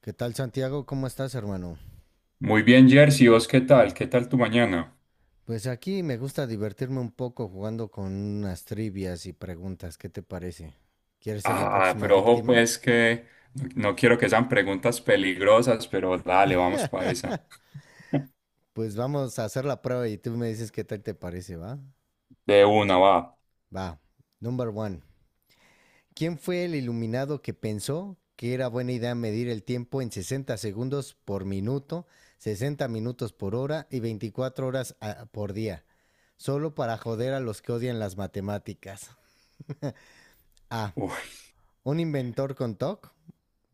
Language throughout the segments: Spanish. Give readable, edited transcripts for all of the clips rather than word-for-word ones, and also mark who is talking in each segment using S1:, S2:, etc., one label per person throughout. S1: ¿Qué tal Santiago? ¿Cómo estás, hermano?
S2: Muy bien, Jersey, ¿vos qué tal? ¿Qué tal tu mañana?
S1: Pues aquí me gusta divertirme un poco jugando con unas trivias y preguntas. ¿Qué te parece? ¿Quieres ser la
S2: Ah,
S1: próxima
S2: pero ojo
S1: víctima?
S2: pues que no quiero que sean preguntas peligrosas, pero dale, vamos para esa.
S1: Pues vamos a hacer la prueba y tú me dices qué tal te parece, ¿va?
S2: De una, va.
S1: Va. Number one. ¿Quién fue el iluminado que pensó que era buena idea medir el tiempo en 60 segundos por minuto, 60 minutos por hora y 24 horas por día? Solo para joder a los que odian las matemáticas. A.
S2: Uy,
S1: Un inventor con TOC.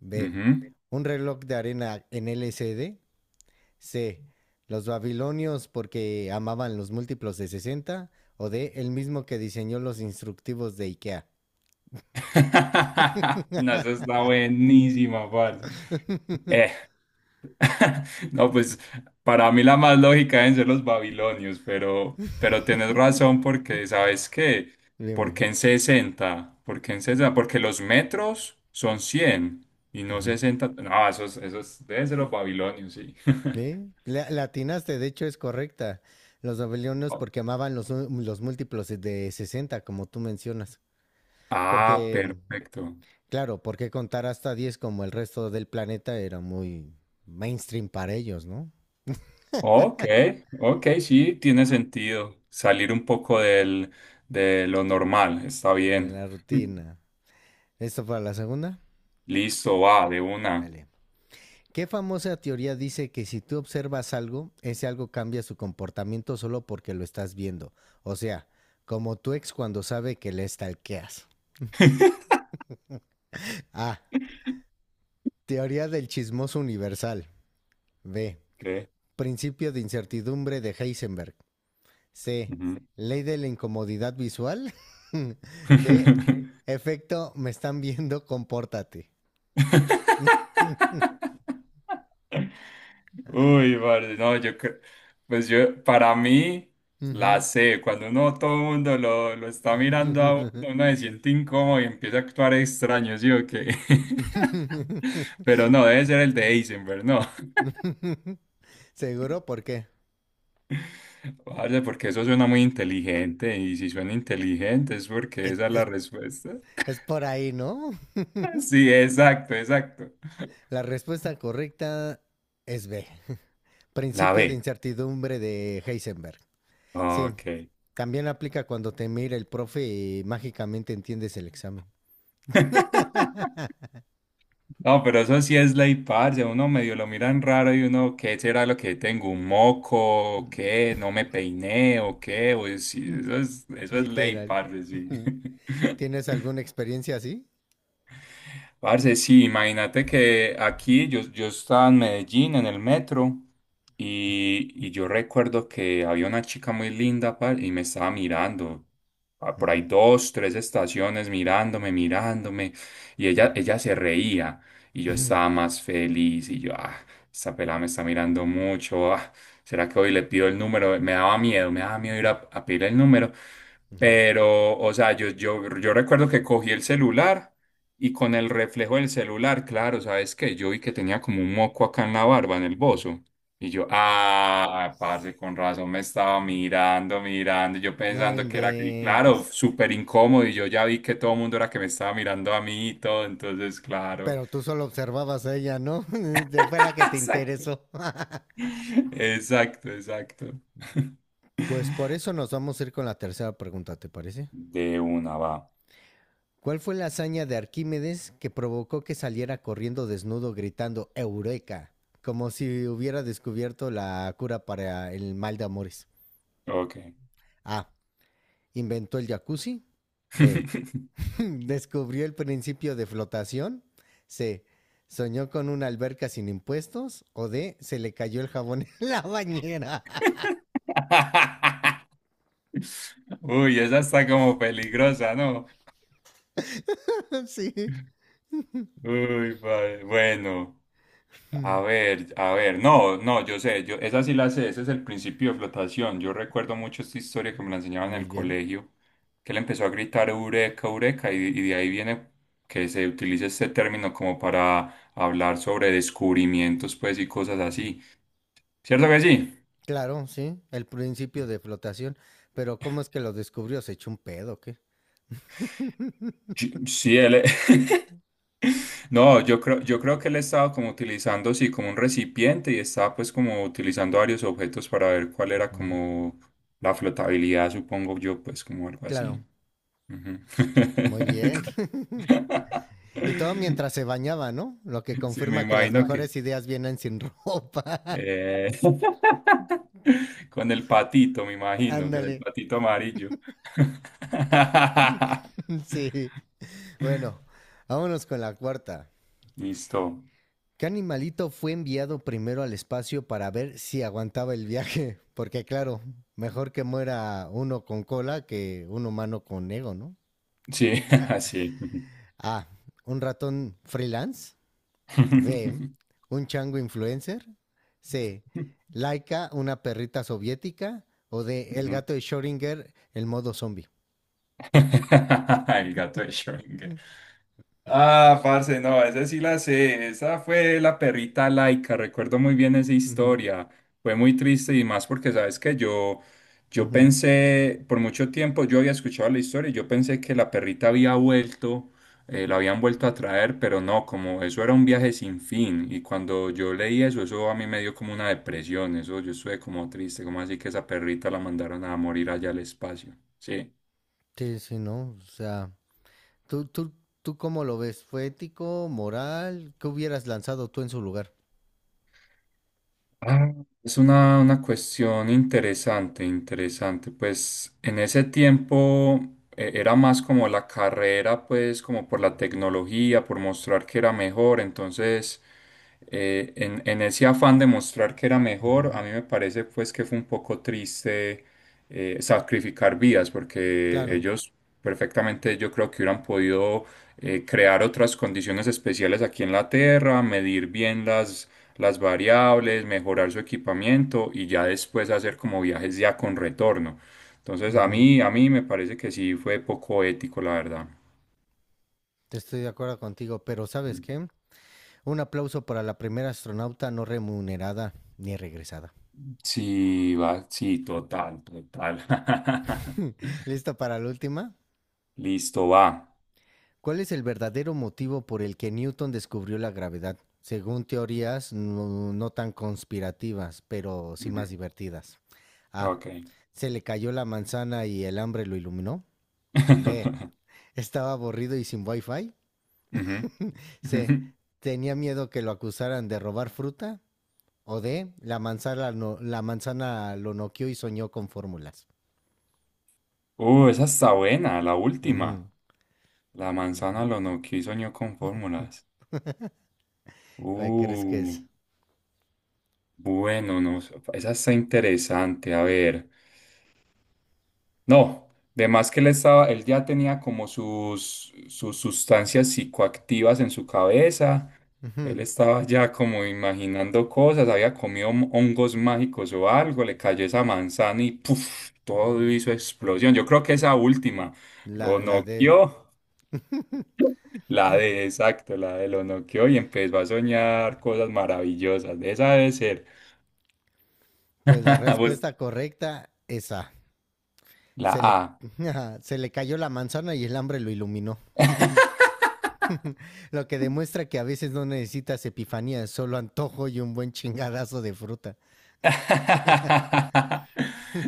S1: B.
S2: ujú.
S1: Un reloj de arena en LCD. C. D, C, los babilonios porque amaban los múltiplos de sesenta. O D. El mismo que diseñó los instructivos de IKEA.
S2: No, esa está buenísima, parce. Eh, No, pues para mí la más lógica deben ser los babilonios, pero tienes razón porque, ¿sabes qué?
S1: Dime.
S2: Porque los metros son 100 y no
S1: Ujú.
S2: sesenta. No, esos deben ser los babilonios, sí.
S1: ¿Eh? La atinaste, de hecho es correcta. Los babilonios
S2: Oh,
S1: porque amaban los múltiplos de 60 como tú mencionas.
S2: ah,
S1: Porque,
S2: perfecto.
S1: claro, porque contar hasta 10 como el resto del planeta era muy mainstream para ellos, ¿no?
S2: Ok, ok, sí, tiene sentido. Salir un poco de lo normal, está
S1: De
S2: bien.
S1: la rutina. ¿Esto para la segunda?
S2: Listo, va, de una.
S1: Dale. ¿Qué famosa teoría dice que si tú observas algo, ese algo cambia su comportamiento solo porque lo estás viendo? O sea, como tu ex cuando sabe que le stalkeas. A. Teoría del chismoso universal. B.
S2: Ok.
S1: Principio de incertidumbre de Heisenberg. C.
S2: Ujú.
S1: Ley de la incomodidad visual. D. Efecto, me están viendo, compórtate.
S2: Uy, vale, no, yo creo, para mí la
S1: Ujú.
S2: sé, cuando uno, todo el mundo lo está mirando a uno, uno se siente incómodo y empieza a actuar extraño, ¿sí o qué? Pero no, debe ser el de Heisenberg, no,
S1: Seguro, ¿por qué?
S2: vale, porque eso suena muy inteligente y si suena inteligente es porque
S1: Es,
S2: esa es la
S1: es,
S2: respuesta.
S1: es por ahí, ¿no?
S2: Sí, exacto, exacto.
S1: La respuesta correcta es B.
S2: La
S1: Principio de
S2: B,
S1: incertidumbre de Heisenberg. Sí,
S2: ok.
S1: también aplica cuando te mira el profe y mágicamente entiendes el examen.
S2: No, pero eso sí es ley, parce. Uno medio lo miran raro y uno, ¿qué será lo que tengo? ¿Un moco? ¿O qué? ¿No me peiné? ¿O qué? O sí,
S1: Mm,
S2: eso es ley,
S1: literal.
S2: parce, sí.
S1: ¿Tienes alguna experiencia así?
S2: Parce, sí, imagínate que aquí yo estaba en Medellín en el metro y yo recuerdo que había una chica muy linda par, y me estaba mirando. Por ahí dos, tres estaciones mirándome y ella se reía y yo estaba más feliz y yo, ah, esta pelada me está mirando mucho. Ah, ¿será que hoy le pido el número? Me daba miedo ir a pedir el número, pero, o sea, yo recuerdo que cogí el celular. Y con el reflejo del celular, claro, ¿sabes qué? Yo vi que tenía como un moco acá en la barba, en el bozo. Y yo, ah, parce, con razón me estaba mirando, yo
S1: No
S2: pensando que era que, y claro,
S1: inventes.
S2: súper incómodo, y yo ya vi que todo el mundo era que me estaba mirando a mí y todo, entonces, claro.
S1: Pero tú solo observabas a ella, ¿no? Fue la que te
S2: Exacto.
S1: interesó.
S2: Exacto, exacto.
S1: Pues por eso nos vamos a ir con la tercera pregunta, ¿te parece?
S2: De una va.
S1: ¿Cuál fue la hazaña de Arquímedes que provocó que saliera corriendo desnudo gritando Eureka? Como si hubiera descubierto la cura para el mal de amores.
S2: Ok.
S1: A. Inventó el jacuzzi. B. Descubrió el principio de flotación. C. Soñó con una alberca sin impuestos. O D. Se le cayó el jabón en la bañera.
S2: Uy, esa está como peligrosa, ¿no?
S1: Sí.
S2: Uy, vale. Bueno, a ver, no, no, yo, esa sí la sé, ese es el principio de flotación. Yo recuerdo mucho esta historia que me la enseñaban en
S1: Muy
S2: el
S1: bien.
S2: colegio, que él empezó a gritar eureka, eureka, y de ahí viene que se utilice este término como para hablar sobre descubrimientos, pues, y cosas
S1: Uh-huh.
S2: así. ¿Cierto que sí?
S1: Claro, sí. El principio de flotación. Pero ¿cómo es que lo descubrió? ¿Se echó un pedo o qué?
S2: Sí, él no, yo creo que él estaba como utilizando, sí, como un recipiente y estaba pues como utilizando varios objetos para ver cuál era
S1: Ujú.
S2: como la flotabilidad, supongo yo, pues como algo así.
S1: Claro,
S2: Ujú.
S1: muy bien. Y todo mientras se bañaba, ¿no? Lo que
S2: Sí, me
S1: confirma que las
S2: imagino que...
S1: mejores ideas vienen sin ropa.
S2: eh, con el patito, me imagino, con el
S1: Ándale.
S2: patito amarillo.
S1: Sí. Bueno, vámonos con la cuarta.
S2: Listo.
S1: ¿Qué animalito fue enviado primero al espacio para ver si aguantaba el viaje? Porque claro, mejor que muera uno con cola que un humano con ego, ¿no?
S2: Sí, así.
S1: A. Un ratón freelance. B, un chango influencer. C, Laika, una perrita soviética. O D, el
S2: Ujú.
S1: gato de Schrödinger, el modo zombie.
S2: El gato de Schrödinger. Ah, parce, no, esa sí la sé. Esa fue la perrita laica. Recuerdo muy bien esa
S1: Ujú.
S2: historia. Fue muy triste y más porque, sabes que yo
S1: Ujú.
S2: pensé, por mucho tiempo yo había escuchado la historia y yo pensé que la perrita había vuelto, la habían vuelto a traer, pero no, como eso era un viaje sin fin. Y cuando yo leí eso, eso a mí me dio como una depresión. Eso yo estuve como triste, como así que esa perrita la mandaron a morir allá al espacio. Sí.
S1: Sí, sí, ¿no? O sea, ¿tú, tú, ¿tú cómo lo ves? ¿Fue ético, moral? ¿Qué hubieras lanzado tú en su lugar?
S2: Ah, es una cuestión interesante, interesante. Pues en ese tiempo era más como la carrera, pues como por la tecnología, por mostrar que era mejor. Entonces, en ese afán de mostrar que era mejor,
S1: Ujú.
S2: a mí me parece pues que fue un poco triste sacrificar vidas, porque
S1: Claro,
S2: ellos perfectamente yo creo que hubieran podido crear otras condiciones especiales aquí en la Tierra, medir bien las variables, mejorar su equipamiento y ya después hacer como viajes ya con retorno. Entonces
S1: ujú.
S2: a mí me parece que sí fue poco ético, la verdad.
S1: Estoy de acuerdo contigo, pero ¿sabes qué? Un aplauso para la primera astronauta no remunerada ni regresada.
S2: Sí, va, sí, total, total.
S1: ¿Listo para la última?
S2: Listo, va.
S1: ¿Cuál es el verdadero motivo por el que Newton descubrió la gravedad? Según teorías no tan conspirativas, pero sí más
S2: Ujú.
S1: divertidas. A.
S2: Ok.
S1: Se le cayó la manzana y el hambre lo iluminó. B. Estaba aburrido y sin wifi.
S2: Ujú. Ujú.
S1: C. Tenía miedo que lo acusaran de robar fruta. O D. La manzana, no- la manzana lo noqueó y soñó con fórmulas.
S2: Esa está buena, la
S1: Ujú,
S2: última. La manzana
S1: ujú.
S2: lo noqueó y soñó con fórmulas.
S1: ¿Cuál crees que
S2: Uh,
S1: es?
S2: bueno, no, sé, esa está interesante. A ver. No, de más que él estaba, él ya tenía como sus sustancias psicoactivas en su cabeza. Él
S1: Ujú.
S2: estaba ya como imaginando cosas, había comido hongos mágicos o algo, le cayó esa manzana y ¡puf! Todo
S1: Mm,
S2: hizo explosión. Yo creo que esa última lo
S1: la, la D.
S2: noqueó, la de exacto, la de lo noqueó y empezó a soñar cosas maravillosas. Esa debe ser.
S1: Pues la
S2: Pues,
S1: respuesta correcta es A.
S2: la
S1: Se le,
S2: A.
S1: se le cayó la manzana y el hambre lo iluminó. Lo que demuestra que a veces no necesitas epifanía, solo antojo y un buen chingadazo de fruta.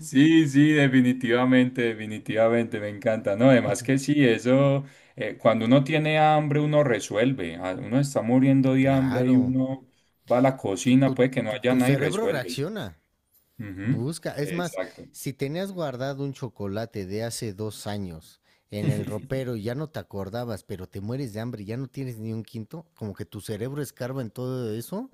S2: Sí, sí, definitivamente, definitivamente, me encanta. No, además que sí, eso, cuando uno tiene hambre, uno resuelve. Ah, uno está muriendo de hambre y
S1: Claro,
S2: uno va a la
S1: tu,
S2: cocina,
S1: tu,
S2: puede que no
S1: tu,
S2: haya
S1: tu
S2: nada y
S1: cerebro
S2: resuelve.
S1: reacciona.
S2: Ujú,
S1: Busca, es más,
S2: exacto.
S1: si tenías guardado un chocolate de hace 2 años en el ropero y ya no te acordabas, pero te mueres de hambre y ya no tienes ni un quinto, como que tu cerebro escarba en todo eso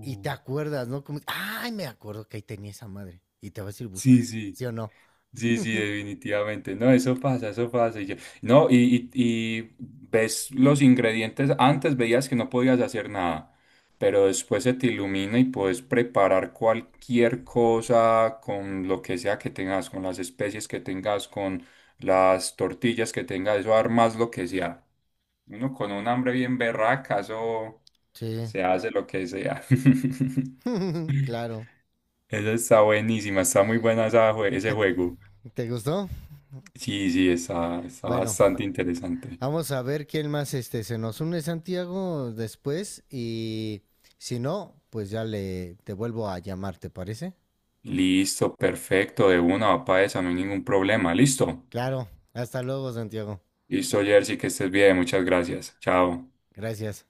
S1: y te acuerdas, ¿no? Como, ay, me acuerdo que ahí tenía esa madre. Y te vas y
S2: sí,
S1: buscas,
S2: sí.
S1: ¿sí o no?
S2: Sí, sí, definitivamente. No, eso pasa, eso pasa. No, y ves los ingredientes. Antes veías que no podías hacer nada, pero después se te ilumina y puedes preparar cualquier cosa con lo que sea que tengas, con las especies que tengas, con las tortillas que tengas, eso armas lo que sea. Uno con un hambre bien berraca, eso
S1: Sí.
S2: se hace lo que sea.
S1: Claro.
S2: Eso está buenísima, está muy buena esa ese juego.
S1: ¿Te gustó?
S2: Sí, sí, está, está
S1: Bueno,
S2: bastante interesante.
S1: vamos a ver quién más este, se nos une Santiago después y si no, pues ya le te vuelvo a llamar, ¿te parece?
S2: Listo, perfecto, de una, papá, esa, no hay ningún problema. Listo.
S1: Claro, hasta luego Santiago.
S2: Listo, Jersey, que estés bien, muchas gracias. Chao.
S1: Gracias.